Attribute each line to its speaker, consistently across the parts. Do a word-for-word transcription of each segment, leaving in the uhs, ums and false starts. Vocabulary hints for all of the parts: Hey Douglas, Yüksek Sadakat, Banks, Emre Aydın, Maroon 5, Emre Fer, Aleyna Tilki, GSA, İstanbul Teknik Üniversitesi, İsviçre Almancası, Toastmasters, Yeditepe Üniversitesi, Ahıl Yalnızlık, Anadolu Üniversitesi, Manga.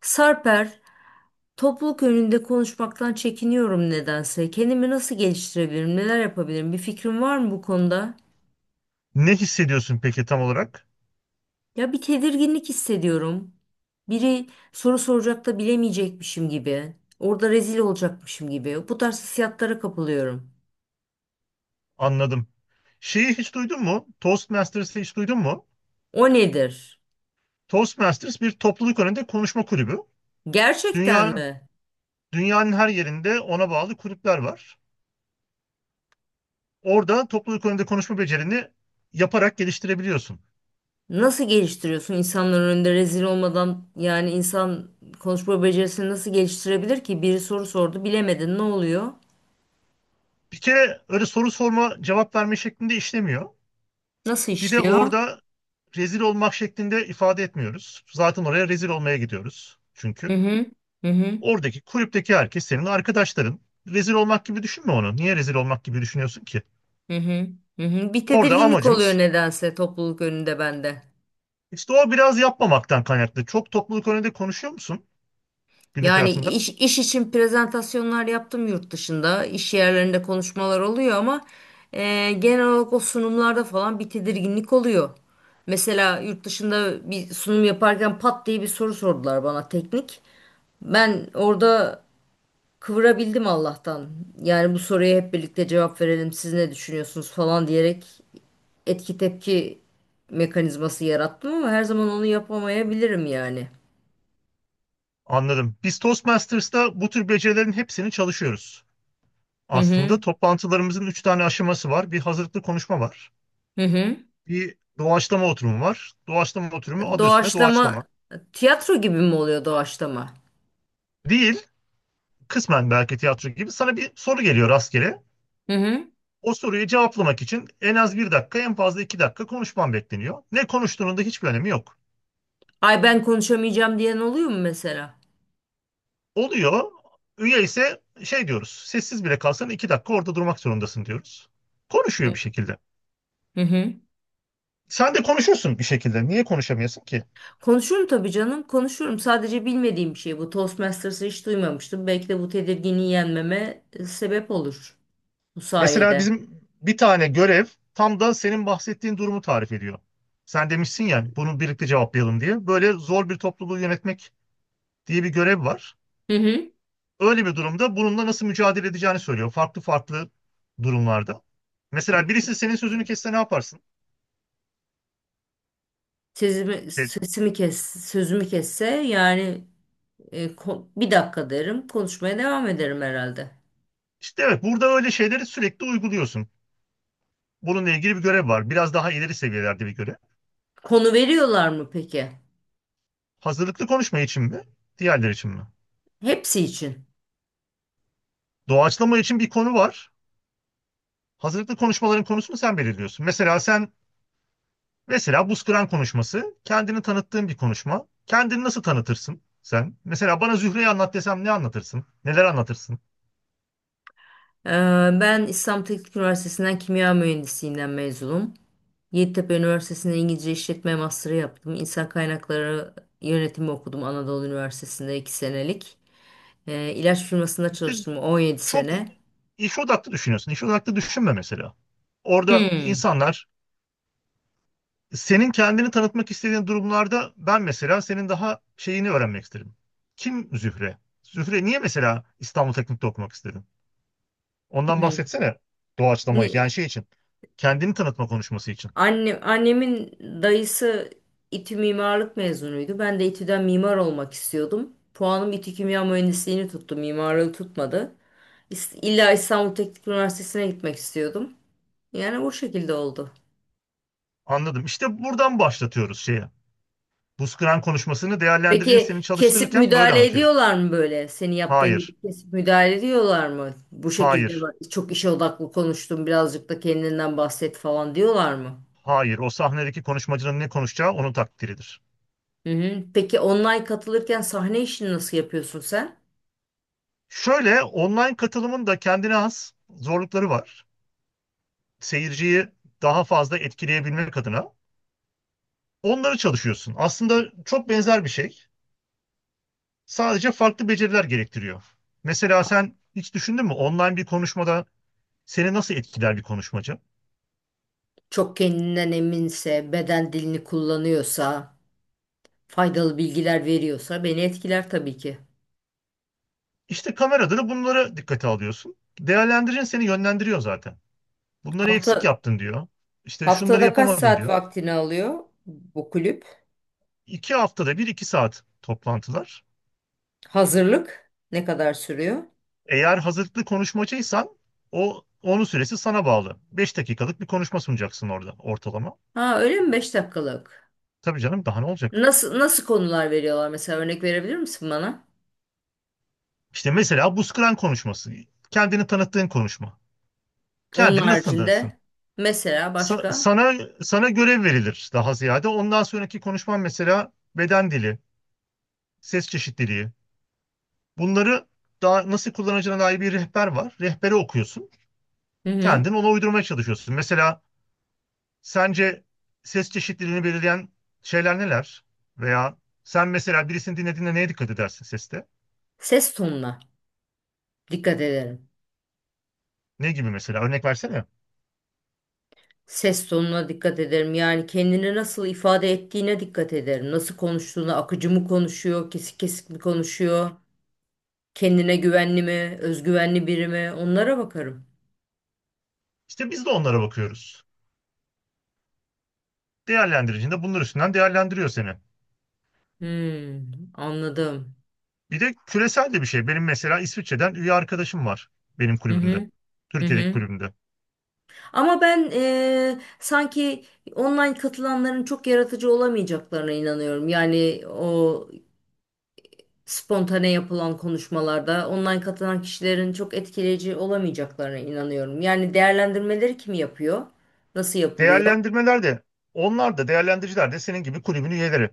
Speaker 1: Sarper, topluluk önünde konuşmaktan çekiniyorum nedense. Kendimi nasıl geliştirebilirim, neler yapabilirim? Bir fikrin var mı bu konuda?
Speaker 2: Ne hissediyorsun peki tam olarak?
Speaker 1: Ya bir tedirginlik hissediyorum. Biri soru soracak da bilemeyecekmişim gibi. Orada rezil olacakmışım gibi. Bu tarz hissiyatlara kapılıyorum.
Speaker 2: Anladım. Şeyi hiç duydun mu? Toastmasters'ı hiç duydun mu?
Speaker 1: O nedir?
Speaker 2: Toastmasters bir topluluk önünde konuşma kulübü.
Speaker 1: Gerçekten
Speaker 2: Dünyanın,
Speaker 1: mi?
Speaker 2: dünyanın her yerinde ona bağlı kulüpler var. Orada topluluk önünde konuşma becerini yaparak geliştirebiliyorsun.
Speaker 1: Nasıl geliştiriyorsun insanların önünde rezil olmadan, yani insan konuşma becerisini nasıl geliştirebilir ki? Biri soru sordu, bilemedin. Ne oluyor?
Speaker 2: Bir kere öyle soru sorma, cevap verme şeklinde işlemiyor.
Speaker 1: Nasıl
Speaker 2: Bir de
Speaker 1: işliyor?
Speaker 2: orada rezil olmak şeklinde ifade etmiyoruz. Zaten oraya rezil olmaya gidiyoruz
Speaker 1: Hı
Speaker 2: çünkü.
Speaker 1: hı. Hı hı.
Speaker 2: Oradaki kulüpteki herkes senin arkadaşların. Rezil olmak gibi düşünme onu. Niye rezil olmak gibi düşünüyorsun ki?
Speaker 1: Hı hı. Hı hı. Bir
Speaker 2: Orada
Speaker 1: tedirginlik oluyor
Speaker 2: amacımız
Speaker 1: nedense topluluk önünde bende.
Speaker 2: işte o biraz yapmamaktan kaynaklı. Çok topluluk önünde konuşuyor musun günlük
Speaker 1: Yani
Speaker 2: hayatında?
Speaker 1: iş, iş için prezentasyonlar yaptım yurt dışında. İş yerlerinde konuşmalar oluyor ama e, genel olarak o sunumlarda falan bir tedirginlik oluyor. Mesela yurt dışında bir sunum yaparken pat diye bir soru sordular bana teknik. Ben orada kıvırabildim Allah'tan. Yani bu soruya hep birlikte cevap verelim. Siz ne düşünüyorsunuz falan diyerek etki tepki mekanizması yarattım ama her zaman onu yapamayabilirim yani.
Speaker 2: Anladım. Biz Toastmasters'ta bu tür becerilerin hepsini çalışıyoruz.
Speaker 1: Hı
Speaker 2: Aslında
Speaker 1: hı.
Speaker 2: toplantılarımızın üç tane aşaması var. Bir hazırlıklı konuşma var.
Speaker 1: Hı hı.
Speaker 2: Bir doğaçlama oturumu var. Doğaçlama oturumu adı üstünde
Speaker 1: Doğaçlama
Speaker 2: doğaçlama.
Speaker 1: tiyatro gibi mi oluyor doğaçlama?
Speaker 2: Değil, kısmen belki tiyatro gibi sana bir soru geliyor rastgele.
Speaker 1: Hı hı.
Speaker 2: O soruyu cevaplamak için en az bir dakika, en fazla iki dakika konuşman bekleniyor. Ne konuştuğunun da hiçbir önemi yok.
Speaker 1: Ay ben konuşamayacağım diyen oluyor mu mesela?
Speaker 2: Oluyor. Üye ise şey diyoruz. Sessiz bile kalsan iki dakika orada durmak zorundasın diyoruz. Konuşuyor bir şekilde.
Speaker 1: Hı hı.
Speaker 2: Sen de konuşursun bir şekilde. Niye konuşamıyorsun ki?
Speaker 1: Konuşurum tabii canım, konuşurum. Sadece bilmediğim bir şey bu. Toastmasters'ı hiç duymamıştım. Belki de bu tedirginliği yenmeme e, sebep olur bu
Speaker 2: Mesela
Speaker 1: sayede.
Speaker 2: bizim bir tane görev tam da senin bahsettiğin durumu tarif ediyor. Sen demişsin ya bunu birlikte cevaplayalım diye. Böyle zor bir topluluğu yönetmek diye bir görev var.
Speaker 1: Hı hı.
Speaker 2: Öyle bir durumda bununla nasıl mücadele edeceğini söylüyor. Farklı farklı durumlarda. Mesela birisi senin sözünü kesse ne yaparsın?
Speaker 1: Sesimi,
Speaker 2: Şey,
Speaker 1: sesimi kes, sözümü kesse yani. E, ko- bir dakika derim. Konuşmaya devam ederim herhalde.
Speaker 2: işte evet, burada öyle şeyleri sürekli uyguluyorsun. Bununla ilgili bir görev var. Biraz daha ileri seviyelerde bir görev.
Speaker 1: Konu veriyorlar mı peki?
Speaker 2: Hazırlıklı konuşma için mi? Diğerleri için mi?
Speaker 1: Hepsi için.
Speaker 2: Doğaçlama için bir konu var. Hazırlıklı konuşmaların konusunu sen belirliyorsun. Mesela sen mesela buz kıran konuşması kendini tanıttığın bir konuşma. Kendini nasıl tanıtırsın sen? Mesela bana Zühre'yi anlat desem ne anlatırsın? Neler anlatırsın?
Speaker 1: Ee, Ben İstanbul Teknik Üniversitesi'nden kimya mühendisliğinden mezunum. Yeditepe Üniversitesi'nde İngilizce İşletme Master'ı yaptım. İnsan Kaynakları Yönetimi okudum Anadolu Üniversitesi'nde iki senelik. Ee, ilaç firmasında
Speaker 2: İşte
Speaker 1: çalıştım on yedi
Speaker 2: çok
Speaker 1: sene.
Speaker 2: İş odaklı düşünüyorsun. İş odaklı düşünme mesela. Orada
Speaker 1: Hmm.
Speaker 2: insanlar senin kendini tanıtmak istediğin durumlarda ben mesela senin daha şeyini öğrenmek isterim. Kim Zühre? Zühre niye mesela İstanbul Teknik'te okumak istedin? Ondan
Speaker 1: Hmm.
Speaker 2: bahsetsene doğaçlamayı
Speaker 1: Ni-
Speaker 2: yani şey için. Kendini tanıtma konuşması için.
Speaker 1: Anne, annemin dayısı İTÜ mimarlık mezunuydu. Ben de İTÜ'den mimar olmak istiyordum. Puanım İTÜ Kimya Mühendisliğini tuttu, mimarlığı tutmadı. İs- İlla İstanbul Teknik Üniversitesi'ne gitmek istiyordum. Yani bu şekilde oldu.
Speaker 2: Anladım. İşte buradan başlatıyoruz şeye. Buz kıran konuşmasını değerlendiricin
Speaker 1: Peki
Speaker 2: seni
Speaker 1: kesip
Speaker 2: çalıştırırken böyle
Speaker 1: müdahale
Speaker 2: anlatıyor.
Speaker 1: ediyorlar mı böyle? Senin yaptığın
Speaker 2: Hayır,
Speaker 1: gibi kesip müdahale ediyorlar mı? Bu şekilde
Speaker 2: hayır,
Speaker 1: bak- çok işe odaklı konuştun, birazcık da kendinden bahset falan diyorlar mı?
Speaker 2: hayır. O sahnedeki konuşmacının ne konuşacağı onun takdiridir.
Speaker 1: Hı hı. Peki online katılırken sahne işini nasıl yapıyorsun sen?
Speaker 2: Şöyle online katılımın da kendine has zorlukları var. Seyirciyi daha fazla etkileyebilmek adına onları çalışıyorsun. Aslında çok benzer bir şey. Sadece farklı beceriler gerektiriyor. Mesela sen hiç düşündün mü online bir konuşmada seni nasıl etkiler bir konuşmacı?
Speaker 1: Çok kendinden eminse, beden dilini kullanıyorsa, faydalı bilgiler veriyorsa beni etkiler tabii ki.
Speaker 2: İşte kamerada da bunlara dikkate alıyorsun. Değerlendirin seni yönlendiriyor zaten. Bunları eksik
Speaker 1: Hafta,
Speaker 2: yaptın diyor. İşte şunları
Speaker 1: haftada kaç
Speaker 2: yapamadın
Speaker 1: saat
Speaker 2: diyor.
Speaker 1: vaktini alıyor bu kulüp?
Speaker 2: İki haftada bir iki saat toplantılar.
Speaker 1: Hazırlık ne kadar sürüyor?
Speaker 2: Eğer hazırlıklı konuşmacıysan o onun süresi sana bağlı. Beş dakikalık bir konuşma sunacaksın orada ortalama.
Speaker 1: Ha öyle mi? Beş dakikalık?
Speaker 2: Tabii canım, daha ne olacak?
Speaker 1: Nasıl nasıl konular veriyorlar mesela, örnek verebilir misin bana?
Speaker 2: İşte mesela bu Skran konuşması. Kendini tanıttığın konuşma.
Speaker 1: Onun
Speaker 2: Kendini nasıl tanıtırsın?
Speaker 1: haricinde mesela
Speaker 2: Sa-
Speaker 1: başka?
Speaker 2: sana sana görev verilir daha ziyade. Ondan sonraki konuşman mesela beden dili, ses çeşitliliği. Bunları daha nasıl kullanacağına dair bir rehber var. Rehbere okuyorsun.
Speaker 1: Hı hı.
Speaker 2: Kendin ona uydurmaya çalışıyorsun. Mesela sence ses çeşitliliğini belirleyen şeyler neler? Veya sen mesela birisini dinlediğinde neye dikkat edersin seste?
Speaker 1: Ses tonuna dikkat ederim.
Speaker 2: Ne gibi mesela? Örnek versene.
Speaker 1: Ses tonuna dikkat ederim. Yani kendini nasıl ifade ettiğine dikkat ederim. Nasıl konuştuğuna, akıcı mı konuşuyor, kesik kesik mi konuşuyor, kendine güvenli mi, özgüvenli biri mi? Onlara bakarım.
Speaker 2: İşte biz de onlara bakıyoruz. Değerlendiricinde bunlar üstünden değerlendiriyor seni.
Speaker 1: Hmm, anladım.
Speaker 2: Bir de küresel de bir şey. Benim mesela İsviçre'den üye arkadaşım var benim
Speaker 1: Hı
Speaker 2: kulübümde.
Speaker 1: hı, hı
Speaker 2: Türkiye'deki
Speaker 1: hı.
Speaker 2: kulübümde.
Speaker 1: Ama ben eee, sanki online katılanların çok yaratıcı olamayacaklarına inanıyorum. Yani o spontane yapılan konuşmalarda online katılan kişilerin çok etkileyici olamayacaklarına inanıyorum. Yani değerlendirmeleri kim yapıyor? Nasıl yapılıyor?
Speaker 2: Değerlendirmeler de onlar da değerlendiriciler de senin gibi kulübün üyeleri.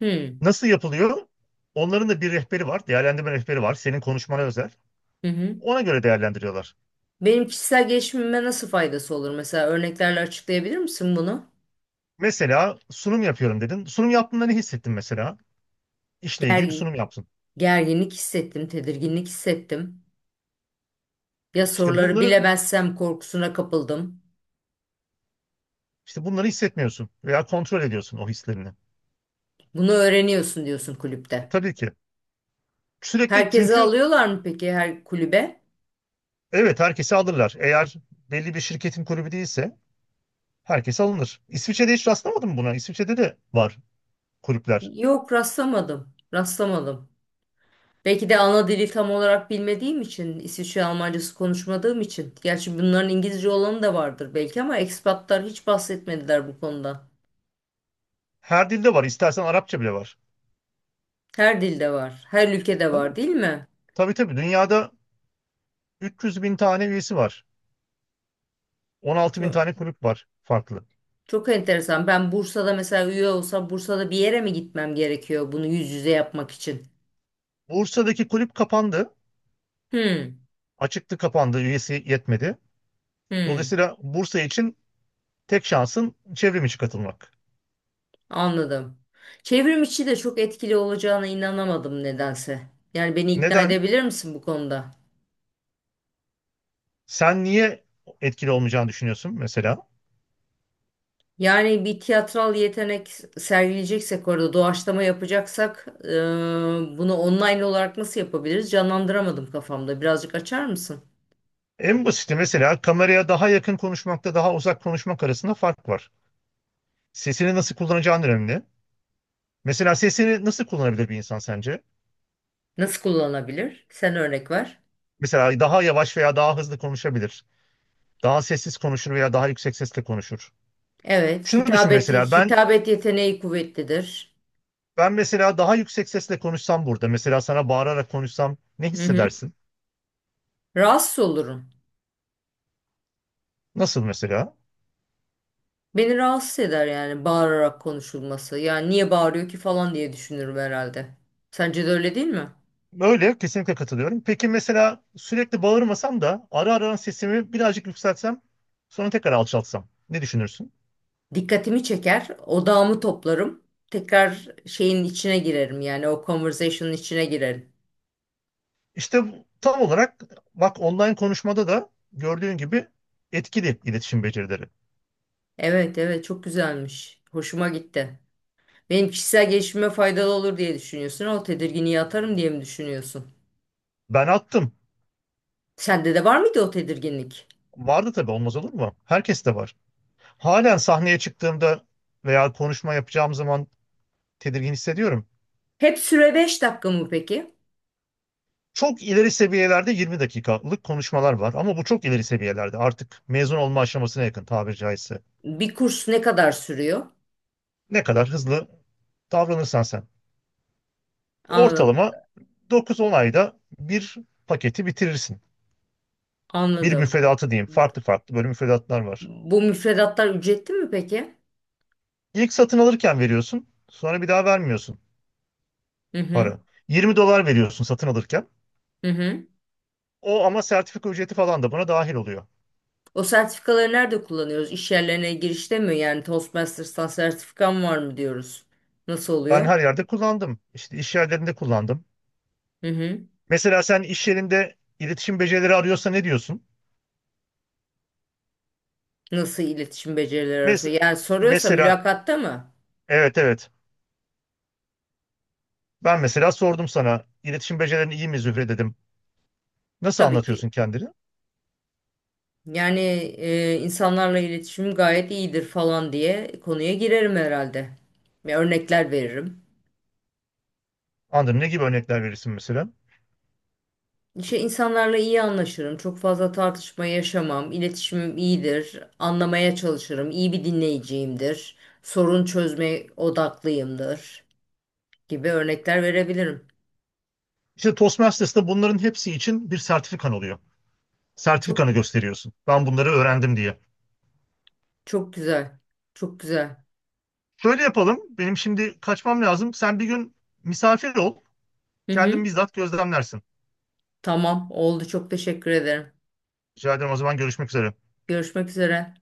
Speaker 1: Hmm.
Speaker 2: Nasıl yapılıyor? Onların da bir rehberi var. Değerlendirme rehberi var. Senin konuşmana özel.
Speaker 1: Hı hı.
Speaker 2: Ona göre değerlendiriyorlar.
Speaker 1: Benim kişisel gelişimime nasıl faydası olur? Mesela örneklerle açıklayabilir misin bunu?
Speaker 2: Mesela sunum yapıyorum dedin. Sunum yaptığında ne hissettin mesela? İşle ilgili bir
Speaker 1: Gergi-
Speaker 2: sunum yaptın.
Speaker 1: Gerginlik hissettim, tedirginlik hissettim. Ya
Speaker 2: İşte
Speaker 1: soruları
Speaker 2: bunları
Speaker 1: bilemezsem korkusuna kapıldım.
Speaker 2: işte bunları hissetmiyorsun veya kontrol ediyorsun o hislerini.
Speaker 1: Bunu öğreniyorsun diyorsun
Speaker 2: E,
Speaker 1: kulüpte.
Speaker 2: Tabii ki. Sürekli
Speaker 1: Herkese
Speaker 2: çünkü
Speaker 1: alıyorlar mı peki, her kulübe?
Speaker 2: evet, herkesi alırlar. Eğer belli bir şirketin kulübü değilse herkes alınır. İsviçre'de hiç rastlamadın mı buna? İsviçre'de de var kulüpler.
Speaker 1: Yok, rastlamadım. Rastlamadım. Belki de ana dili tam olarak bilmediğim için, İsviçre Almancası konuşmadığım için. Gerçi bunların İngilizce olanı da vardır belki ama ekspatlar hiç bahsetmediler bu konuda.
Speaker 2: Her dilde var. İstersen Arapça bile var.
Speaker 1: Her dilde var, her ülkede
Speaker 2: Tabii,
Speaker 1: var değil mi?
Speaker 2: tabii, tabii. Dünyada üç yüz bin tane üyesi var. on altı bin
Speaker 1: Çok,
Speaker 2: tane kulüp var farklı.
Speaker 1: çok enteresan. Ben Bursa'da mesela üye olsam Bursa'da bir yere mi gitmem gerekiyor bunu yüz yüze yapmak için?
Speaker 2: Bursa'daki kulüp kapandı.
Speaker 1: Hmm.
Speaker 2: Açıktı, kapandı. Üyesi yetmedi.
Speaker 1: Hmm.
Speaker 2: Dolayısıyla Bursa için tek şansın çevrim içi katılmak.
Speaker 1: Anladım. Çevrim içi de çok etkili olacağına inanamadım nedense. Yani beni ikna
Speaker 2: Neden?
Speaker 1: edebilir misin bu konuda?
Speaker 2: Sen niye etkili olmayacağını düşünüyorsun mesela?
Speaker 1: Yani bir tiyatral yetenek sergileyeceksek, orada doğaçlama yapacaksak e, bunu online olarak nasıl yapabiliriz? Canlandıramadım kafamda. Birazcık açar mısın?
Speaker 2: En basiti mesela kameraya daha yakın konuşmakta daha uzak konuşmak arasında fark var. Sesini nasıl kullanacağın önemli. Mesela sesini nasıl kullanabilir bir insan sence?
Speaker 1: Nasıl kullanabilir? Sen örnek ver.
Speaker 2: Mesela daha yavaş veya daha hızlı konuşabilir. Daha sessiz konuşur veya daha yüksek sesle konuşur.
Speaker 1: Evet,
Speaker 2: Şunu düşün
Speaker 1: hitabet
Speaker 2: mesela, ben
Speaker 1: hitabet yeteneği kuvvetlidir.
Speaker 2: ben mesela daha yüksek sesle konuşsam burada, mesela sana bağırarak konuşsam ne
Speaker 1: Hı hı.
Speaker 2: hissedersin?
Speaker 1: Rahatsız olurum.
Speaker 2: Nasıl mesela?
Speaker 1: Beni rahatsız eder yani, bağırarak konuşulması. Yani niye bağırıyor ki falan diye düşünürüm herhalde. Sence de öyle değil mi?
Speaker 2: Öyle, kesinlikle katılıyorum. Peki mesela sürekli bağırmasam da ara ara sesimi birazcık yükseltsem sonra tekrar alçaltsam ne düşünürsün?
Speaker 1: Dikkatimi çeker, odağımı toplarım. Tekrar şeyin içine girerim, yani o conversation'ın içine girerim.
Speaker 2: İşte bu- tam olarak, bak, online konuşmada da gördüğün gibi etkili iletişim becerileri.
Speaker 1: Evet, evet, çok güzelmiş. Hoşuma gitti. Benim kişisel gelişime faydalı olur diye düşünüyorsun. O tedirginliği atarım diye mi düşünüyorsun?
Speaker 2: Ben attım.
Speaker 1: Sende de var mıydı o tedirginlik?
Speaker 2: Vardı tabii, olmaz olur mu? Herkes de var. Halen sahneye çıktığımda veya konuşma yapacağım zaman tedirgin hissediyorum.
Speaker 1: Hep süre beş dakika mı peki?
Speaker 2: Çok ileri seviyelerde yirmi dakikalık konuşmalar var ama bu çok ileri seviyelerde artık mezun olma aşamasına yakın, tabiri caizse.
Speaker 1: Bir kurs ne kadar sürüyor?
Speaker 2: Ne kadar hızlı davranırsan sen.
Speaker 1: Anladım,
Speaker 2: Ortalama dokuz on ayda bir paketi bitirirsin. Bir
Speaker 1: anladım.
Speaker 2: müfredatı diyeyim. Farklı farklı böyle müfredatlar var.
Speaker 1: Bu müfredatlar ücretli mi peki?
Speaker 2: İlk satın alırken veriyorsun. Sonra bir daha vermiyorsun
Speaker 1: Hı hı,
Speaker 2: para. yirmi dolar veriyorsun satın alırken.
Speaker 1: hı hı.
Speaker 2: O ama sertifika ücreti falan da buna dahil oluyor.
Speaker 1: O sertifikaları nerede kullanıyoruz? İş yerlerine girişte mi? Yani Toastmasters'tan sertifikam var mı diyoruz. Nasıl
Speaker 2: Ben
Speaker 1: oluyor?
Speaker 2: her yerde kullandım. İşte iş yerlerinde kullandım.
Speaker 1: Hı hı.
Speaker 2: Mesela sen iş yerinde iletişim becerileri arıyorsa ne diyorsun?
Speaker 1: Nasıl iletişim becerileri arası?
Speaker 2: Mes-
Speaker 1: Yani soruyorsa
Speaker 2: mesela,
Speaker 1: mülakatta mı?
Speaker 2: evet, evet. Ben mesela sordum sana, iletişim becerilerin iyi mi Zühre dedim. Nasıl
Speaker 1: Tabii ki.
Speaker 2: anlatıyorsun kendini?
Speaker 1: Yani e, insanlarla iletişim gayet iyidir falan diye konuya girerim herhalde. Ve örnekler veririm.
Speaker 2: Anladım. Ne gibi örnekler verirsin mesela?
Speaker 1: İşte insanlarla iyi anlaşırım. Çok fazla tartışma yaşamam. İletişimim iyidir. Anlamaya çalışırım. İyi bir dinleyiciyimdir. Sorun çözme odaklıyımdır. Gibi örnekler verebilirim.
Speaker 2: İşte Toastmasters'ta bunların hepsi için bir sertifikan oluyor.
Speaker 1: Çok,
Speaker 2: Sertifikanı gösteriyorsun. Ben bunları öğrendim diye.
Speaker 1: çok güzel. Çok güzel.
Speaker 2: Şöyle yapalım. Benim şimdi kaçmam lazım. Sen bir gün misafir ol.
Speaker 1: Hı
Speaker 2: Kendin
Speaker 1: hı.
Speaker 2: bizzat gözlemlersin.
Speaker 1: Tamam, oldu. Çok teşekkür ederim.
Speaker 2: Rica ederim, o zaman görüşmek üzere.
Speaker 1: Görüşmek üzere.